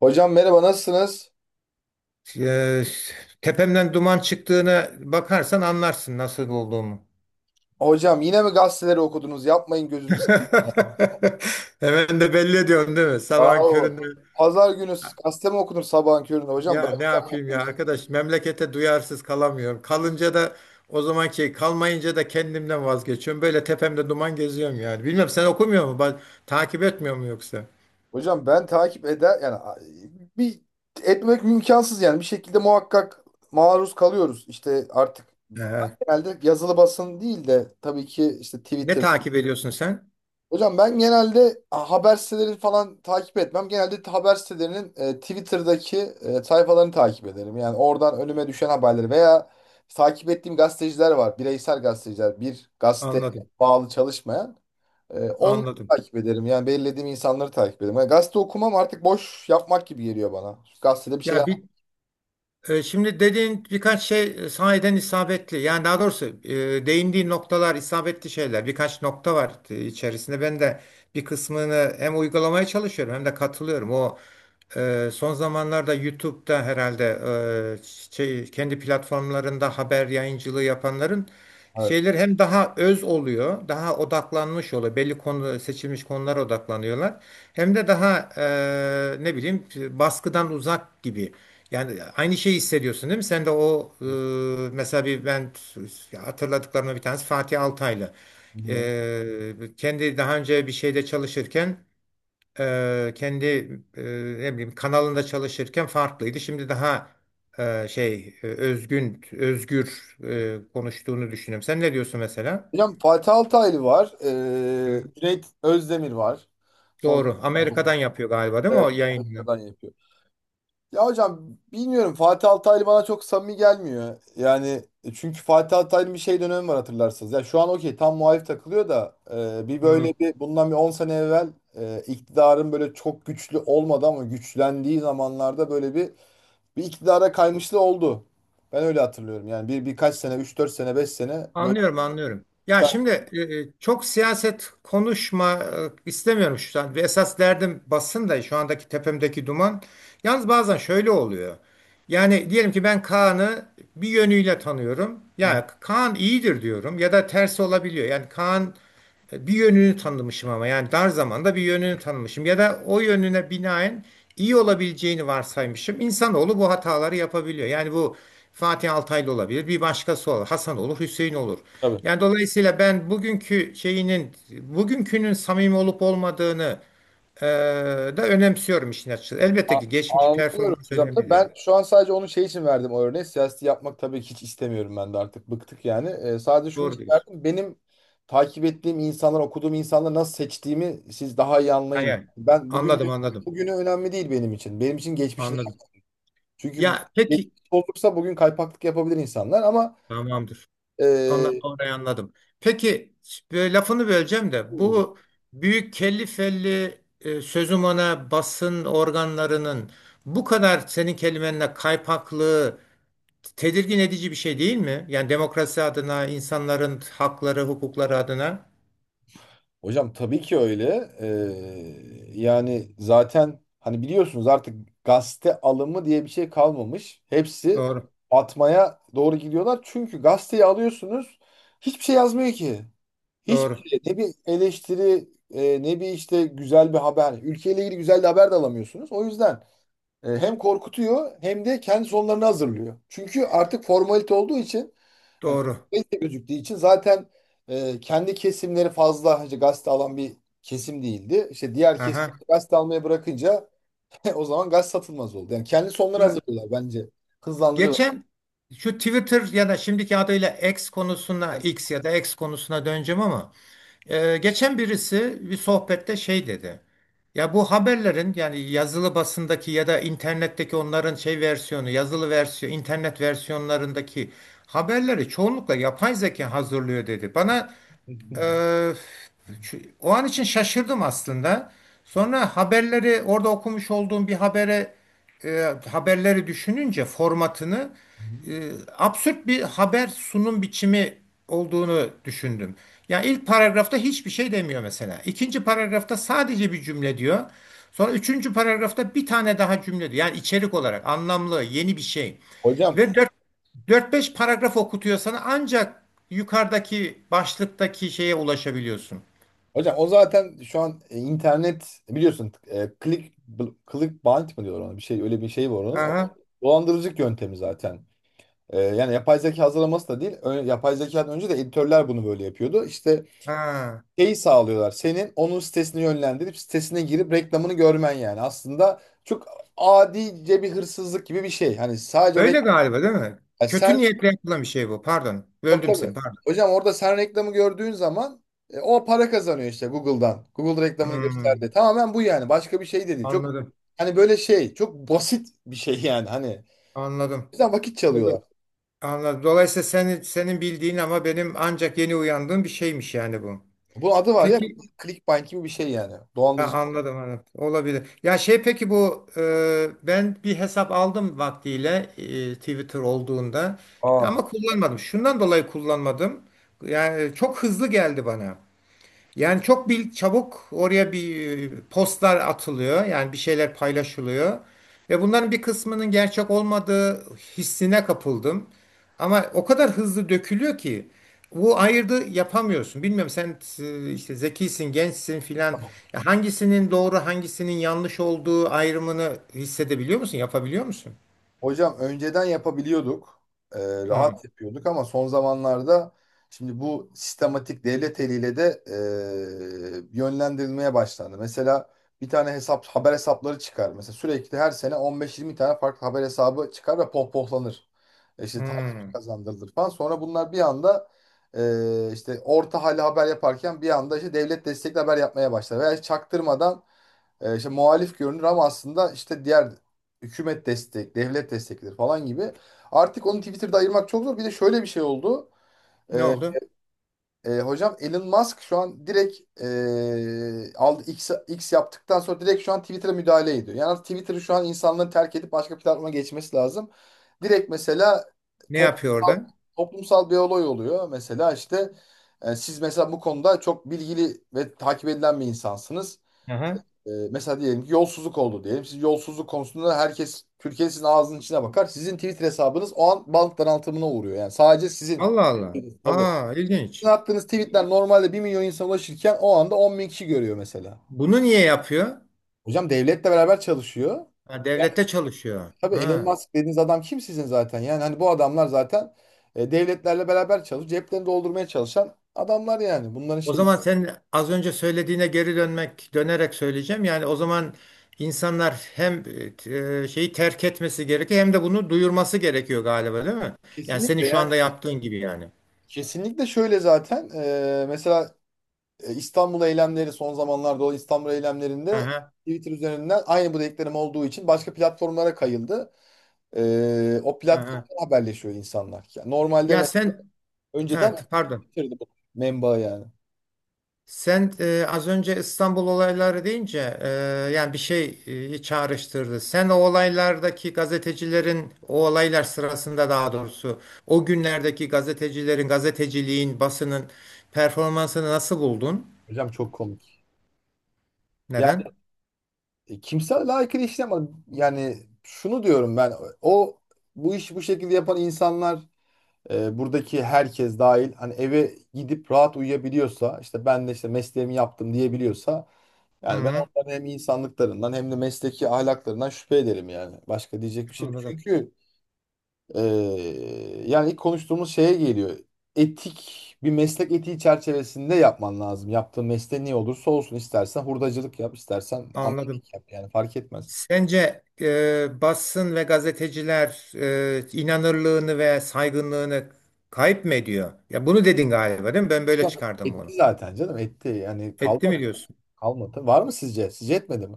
Hocam merhaba nasılsınız? Ee, Tepemden duman çıktığına bakarsan anlarsın nasıl olduğumu. Hocam yine mi gazeteleri okudunuz? Yapmayın gözünü seveyim. Hemen de belli ediyorum değil mi? Sabahın Yahu, köründe Pazar günü gazete mi okunur sabahın köründe hocam? ya Bırak ne ya. yapayım ya arkadaş memlekete duyarsız kalamıyorum. Kalınca da o zaman zamanki kalmayınca da kendimden vazgeçiyorum. Böyle tepemde duman geziyorum yani. Bilmem sen okumuyor mu? Takip etmiyor mu yoksa? Hocam ben takip eder yani bir etmek imkansız yani bir şekilde muhakkak maruz kalıyoruz. İşte artık Ee, genelde yazılı basın değil de tabii ki işte Ne Twitter. takip ediyorsun sen? Hocam ben genelde haber siteleri falan takip etmem. Genelde haber sitelerinin Twitter'daki sayfalarını takip ederim. Yani oradan önüme düşen haberleri veya takip ettiğim gazeteciler var. Bireysel gazeteciler. Bir gazete Anladım. bağlı çalışmayan. Onu Anladım. takip ederim. Yani belirlediğim insanları takip ederim. Yani gazete okumam artık boş yapmak gibi geliyor bana. Gazetede bir şey Ya yap. bir Şimdi dediğin birkaç şey sahiden isabetli. Yani daha doğrusu değindiği noktalar isabetli şeyler. Birkaç nokta var içerisinde. Ben de bir kısmını hem uygulamaya çalışıyorum hem de katılıyorum. O son zamanlarda YouTube'da herhalde e, şey, kendi platformlarında haber yayıncılığı yapanların Evet. şeyler hem daha öz oluyor, daha odaklanmış oluyor. Belli konu seçilmiş konulara odaklanıyorlar. Hem de daha ne bileyim baskıdan uzak gibi. Yani aynı şeyi hissediyorsun değil mi? Sen de o mesela bir ben ya hatırladıklarımda bir tanesi Fatih Altaylı. Hı hı. Kendi daha önce bir şeyde çalışırken kendi e, ne bileyim kanalında çalışırken farklıydı. Şimdi daha şey özgün özgür konuştuğunu düşünüyorum. Sen ne diyorsun mesela? Hocam Fatih Altaylı var. Hı. Cüneyt Özdemir var. Son. Doğru. Amerika'dan yapıyor galiba değil mi o Evet. yayını? Amerika'dan yapıyor. Ya hocam bilmiyorum Fatih Altaylı bana çok samimi gelmiyor. Yani çünkü Fatih Altaylı'nın bir şey dönemi var hatırlarsınız. Ya şu an okey tam muhalif takılıyor da bir Hı. böyle bir bundan bir 10 sene evvel iktidarın böyle çok güçlü olmadı ama güçlendiği zamanlarda böyle bir iktidara kaymışlığı oldu. Ben öyle hatırlıyorum. Yani birkaç sene üç dört sene 5 sene böyle Anlıyorum, anlıyorum. Ya iktidar. şimdi çok siyaset konuşma istemiyorum şu an. Esas derdim basın da şu andaki tepemdeki duman. Yalnız bazen şöyle oluyor. Yani diyelim ki ben Kaan'ı bir yönüyle tanıyorum. Hı hı. Ya Kaan iyidir diyorum ya da tersi olabiliyor. Yani Kaan bir yönünü tanımışım ama yani dar zamanda bir yönünü tanımışım ya da o yönüne binaen iyi olabileceğini varsaymışım. İnsanoğlu bu hataları yapabiliyor. Yani bu Fatih Altaylı olabilir, bir başkası olur, Hasan olur, Hüseyin olur. Tabii. Yani dolayısıyla ben bugünkü şeyinin, bugünkünün samimi olup olmadığını e, da önemsiyorum işin açıkçası. Elbette A- ki geçmiş Anlıyorum performans hocam. önemli Tabii de. ben şu an sadece onun şey için verdim o örneği. Siyaseti yapmak tabii ki hiç istemiyorum ben de artık. Bıktık yani. Sadece şunu Doğru için diyorsun. verdim. Benim takip ettiğim insanlar, okuduğum insanları nasıl seçtiğimi siz daha iyi Ha, anlayın. yani, Ben anladım, bugün anladım, bugünü önemli değil benim için. Anladım. Çünkü Ya peki, geçmiş olursa bugün kaypaklık yapabilir insanlar ama. tamamdır. Ondan e, orayı anladım. Peki böyle lafını böleceğim de bu büyük kelli felli sözüm ona basın organlarının bu kadar senin kelimenle kaypaklığı tedirgin edici bir şey değil mi? Yani demokrasi adına, insanların hakları, hukukları adına. Hocam tabii ki öyle. Yani zaten hani biliyorsunuz artık gazete alımı diye bir şey kalmamış. Hepsi Doğru, atmaya doğru gidiyorlar. Çünkü gazeteyi alıyorsunuz hiçbir şey yazmıyor ki. doğru, Hiçbir şey. Ne bir eleştiri ne bir işte güzel bir haber. Ülkeyle ilgili güzel bir haber de alamıyorsunuz. O yüzden hem korkutuyor hem de kendi sonlarını hazırlıyor. Çünkü artık formalite olduğu için yani doğru. gazete gözüktüğü için zaten kendi kesimleri fazla işte gazete alan bir kesim değildi. İşte diğer kesim Aha. gazete almaya bırakınca o zaman gaz satılmaz oldu. Yani kendi sonları Ya, hazırlıyorlar bence. Hızlandırıyorlar. geçen şu Twitter ya da şimdiki adıyla X konusuna, X ya da X konusuna döneceğim ama geçen birisi bir sohbette şey dedi. Ya bu haberlerin yani yazılı basındaki ya da internetteki onların şey versiyonu, yazılı versiyon, internet versiyonlarındaki haberleri çoğunlukla yapay zeka hazırlıyor dedi. Bana ee, o an için şaşırdım aslında. Sonra haberleri orada okumuş olduğum bir habere haberleri düşününce formatını e, absürt bir haber sunum biçimi olduğunu düşündüm. Ya ilk paragrafta hiçbir şey demiyor mesela. İkinci paragrafta sadece bir cümle diyor. Sonra üçüncü paragrafta bir tane daha cümle diyor. Yani içerik olarak anlamlı, yeni bir şey. Hocam, Ve 4-5 paragraf okutuyor sana ancak yukarıdaki başlıktaki şeye ulaşabiliyorsun. hocam, o zaten şu an internet biliyorsun clickbait mı diyorlar ona bir şey öyle bir şey var onun. O, Aha, dolandırıcılık yöntemi zaten. Yani yapay zeka hazırlaması da değil. Yapay zekadan önce de editörler bunu böyle yapıyordu. İşte ha. şeyi sağlıyorlar. Senin onun sitesini yönlendirip sitesine girip reklamını görmen yani. Aslında çok adice bir hırsızlık gibi bir şey. Hani sadece o Öyle reklam. galiba değil mi? Yani Kötü sen. niyetle yapılan bir şey bu. Pardon. Tabii, Böldüm seni. tabii. Pardon. Hocam orada sen reklamı gördüğün zaman o para kazanıyor işte Google'dan. Google reklamını Hmm, gösterdi. Tamamen bu yani. Başka bir şey de değil. Çok anladım. hani böyle şey çok basit bir şey yani. Hani Anladım. bizden vakit Dolay- çalıyorlar. Anladım. Dolayısıyla senin bildiğin ama benim ancak yeni uyandığım bir şeymiş yani bu. Bunun adı var ya Peki clickbait gibi bir şey yani. ha, Dolandırıcı. anladım anladım. Olabilir. Ya şey peki bu ben bir hesap aldım vaktiyle Twitter olduğunda ya ama kullanmadım. Şundan dolayı kullanmadım. Yani çok hızlı geldi bana. Yani çok bir çabuk oraya bir postlar atılıyor. Yani bir şeyler paylaşılıyor. Ve bunların bir kısmının gerçek olmadığı hissine kapıldım. Ama o kadar hızlı dökülüyor ki bu ayırdı yapamıyorsun. Bilmiyorum sen işte zekisin, gençsin filan. Aa. Ya hangisinin doğru, hangisinin yanlış olduğu ayrımını hissedebiliyor musun? Yapabiliyor musun? Hocam önceden yapabiliyorduk. Ee, Hı, Rahat yapıyorduk ama son zamanlarda şimdi bu sistematik devlet eliyle de yönlendirilmeye başlandı. Mesela bir tane hesap haber hesapları çıkar. Mesela sürekli her sene 15-20 tane farklı haber hesabı çıkar ve pohpohlanır. İşte takip hı. kazandırılır falan. Sonra bunlar bir anda işte orta hali haber yaparken bir anda işte devlet destekli haber yapmaya başlar. Veya hiç çaktırmadan işte muhalif görünür ama aslında işte diğer devlet desteklidir falan gibi. Artık onu Twitter'da ayırmak çok zor. Bir de şöyle bir şey oldu. Ne E, oldu? Hocam Elon Musk şu an direkt aldı X, X yaptıktan sonra direkt şu an Twitter'a müdahale ediyor. Yani artık Twitter'ı şu an insanların terk edip başka platforma geçmesi lazım. Direkt mesela Ne yapıyor toplumsal, orada? toplumsal bir olay oluyor. Mesela işte siz mesela bu konuda çok bilgili ve takip edilen bir insansınız. Aha. Mesela diyelim ki yolsuzluk oldu diyelim. Siz yolsuzluk konusunda herkes Türkiye sizin ağzının içine bakar. Sizin Twitter hesabınız o an bank daraltımına uğruyor. Yani sadece sizin. Allah Allah. Tabii. Aa, ilginç. Sizin attığınız tweetler normalde 1.000.000 insana ulaşırken o anda 10.000 kişi görüyor mesela. Bunu niye yapıyor? Hocam devletle beraber çalışıyor. Ha, devlette çalışıyor. Tabii Elon Ha. Musk dediğiniz adam kim sizin zaten? Yani hani bu adamlar zaten devletlerle beraber çalışıp ceplerini doldurmaya çalışan adamlar yani. Bunların O şeyi zaman sen az önce söylediğine geri dönmek, dönerek söyleyeceğim. Yani o zaman insanlar hem şeyi terk etmesi gerekiyor hem de bunu duyurması gerekiyor galiba değil mi? Yani senin kesinlikle şu yani. anda yaptığın gibi yani. Kesinlikle şöyle zaten. Mesela İstanbul eylemleri son zamanlarda olan İstanbul eylemlerinde Aha, Twitter üzerinden aynı bu dediklerim olduğu için başka platformlara kayıldı. O aha. platformdan haberleşiyor insanlar. Yani normalde Ya sen, önceden evet, pardon. Twitter'dı bu menba yani. Sen az önce İstanbul olayları deyince yani bir şey çağrıştırdı. Sen o olaylardaki gazetecilerin o olaylar sırasında daha doğrusu o günlerdeki gazetecilerin gazeteciliğin basının performansını nasıl buldun? Hocam çok komik. Yani Neden? Kimse layıkıyla işlem yani şunu diyorum ben o bu iş bu şekilde yapan insanlar buradaki herkes dahil hani eve gidip rahat uyuyabiliyorsa işte ben de işte mesleğimi yaptım diyebiliyorsa. Hı Yani ben hı, onların hem insanlıklarından hem de mesleki ahlaklarından şüphe ederim yani. Başka diyecek bir şey yok. anladım. Çünkü yani ilk konuştuğumuz şeye geliyor. Etik bir meslek etiği çerçevesinde yapman lazım. Yaptığın mesleğin ne olursa olsun istersen hurdacılık yap, istersen amelik Anladım. yap yani fark etmez. Sence basın ve gazeteciler inanırlığını ve saygınlığını kayıp mı ediyor? Ya bunu dedin galiba değil mi? Ben böyle Yok çıkardım etti bunu. zaten canım etti yani Etti kalmadı. mi diyorsun? Kalmadı. Var mı sizce? Sizce etmedi mi?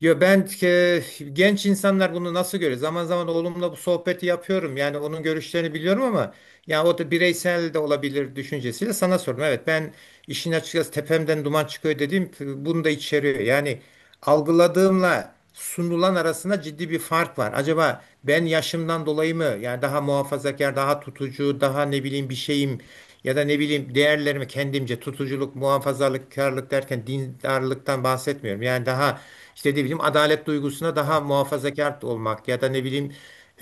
Yo ben genç insanlar bunu nasıl görüyor? Zaman zaman oğlumla bu sohbeti yapıyorum. Yani onun görüşlerini biliyorum ama ya o da bireysel de olabilir düşüncesiyle sana sordum. Evet ben işin açıkçası tepemden duman çıkıyor dediğim bunu da içeriyor. Yani algıladığımla sunulan arasında ciddi bir fark var. Acaba ben yaşımdan dolayı mı yani daha muhafazakar, daha tutucu, daha ne bileyim bir şeyim ya da ne bileyim değerlerimi kendimce tutuculuk, muhafazakarlık derken dindarlıktan bahsetmiyorum. Yani daha işte ne bileyim adalet duygusuna daha muhafazakar olmak ya da ne bileyim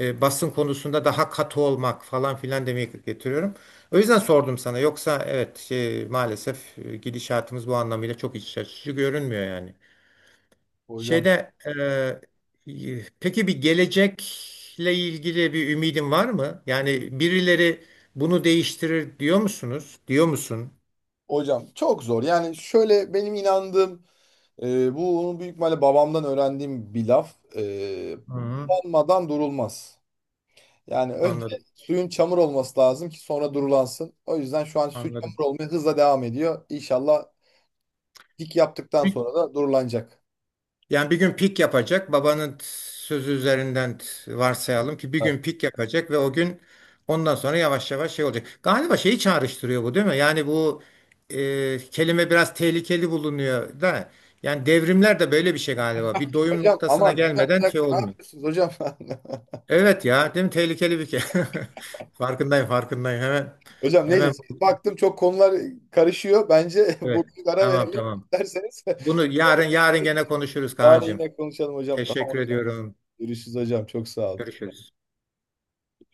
basın konusunda daha katı olmak falan filan demeye getiriyorum. O yüzden sordum sana. Yoksa evet şey, maalesef gidişatımız bu anlamıyla çok iç açıcı görünmüyor yani. Hocam Şeyde peki bir gelecekle ilgili bir ümidin var mı? Yani birileri bunu değiştirir diyor musunuz? Diyor musun? Hocam çok zor. Yani şöyle benim inandığım bunu büyük ihtimalle babamdan öğrendiğim bir laf. Hı, Olmadan durulmaz. Yani önce anladım, suyun çamur olması lazım ki sonra durulansın. O yüzden şu an su çamur anladım. olmaya hızla devam ediyor. İnşallah dik yaptıktan Bir- sonra da durulanacak. Yani bir gün pik yapacak. Sözü üzerinden varsayalım ki bir Evet. gün pik yapacak ve o gün ondan sonra yavaş yavaş şey olacak. Galiba şeyi çağrıştırıyor bu değil mi? Yani bu kelime biraz tehlikeli bulunuyor da. Yani devrimler de böyle bir şey galiba. Bir doyum Hocam aman noktasına hocam bir gelmeden şey dakika ne olmuyor. yapıyorsunuz hocam? Evet ya, değil mi? Tehlikeli bir ke. Farkındayım, farkındayım. Hemen Hocam neyse hemen siz baktım çok konular karışıyor. Bence evet. bugün ara Tamam, verelim tamam. derseniz. Bunu yarın gene konuşuruz Yani Kaan'cığım. yine konuşalım hocam. Tamam Teşekkür ediyorum. görüşürüz hocam çok sağ olun. Görüşürüz.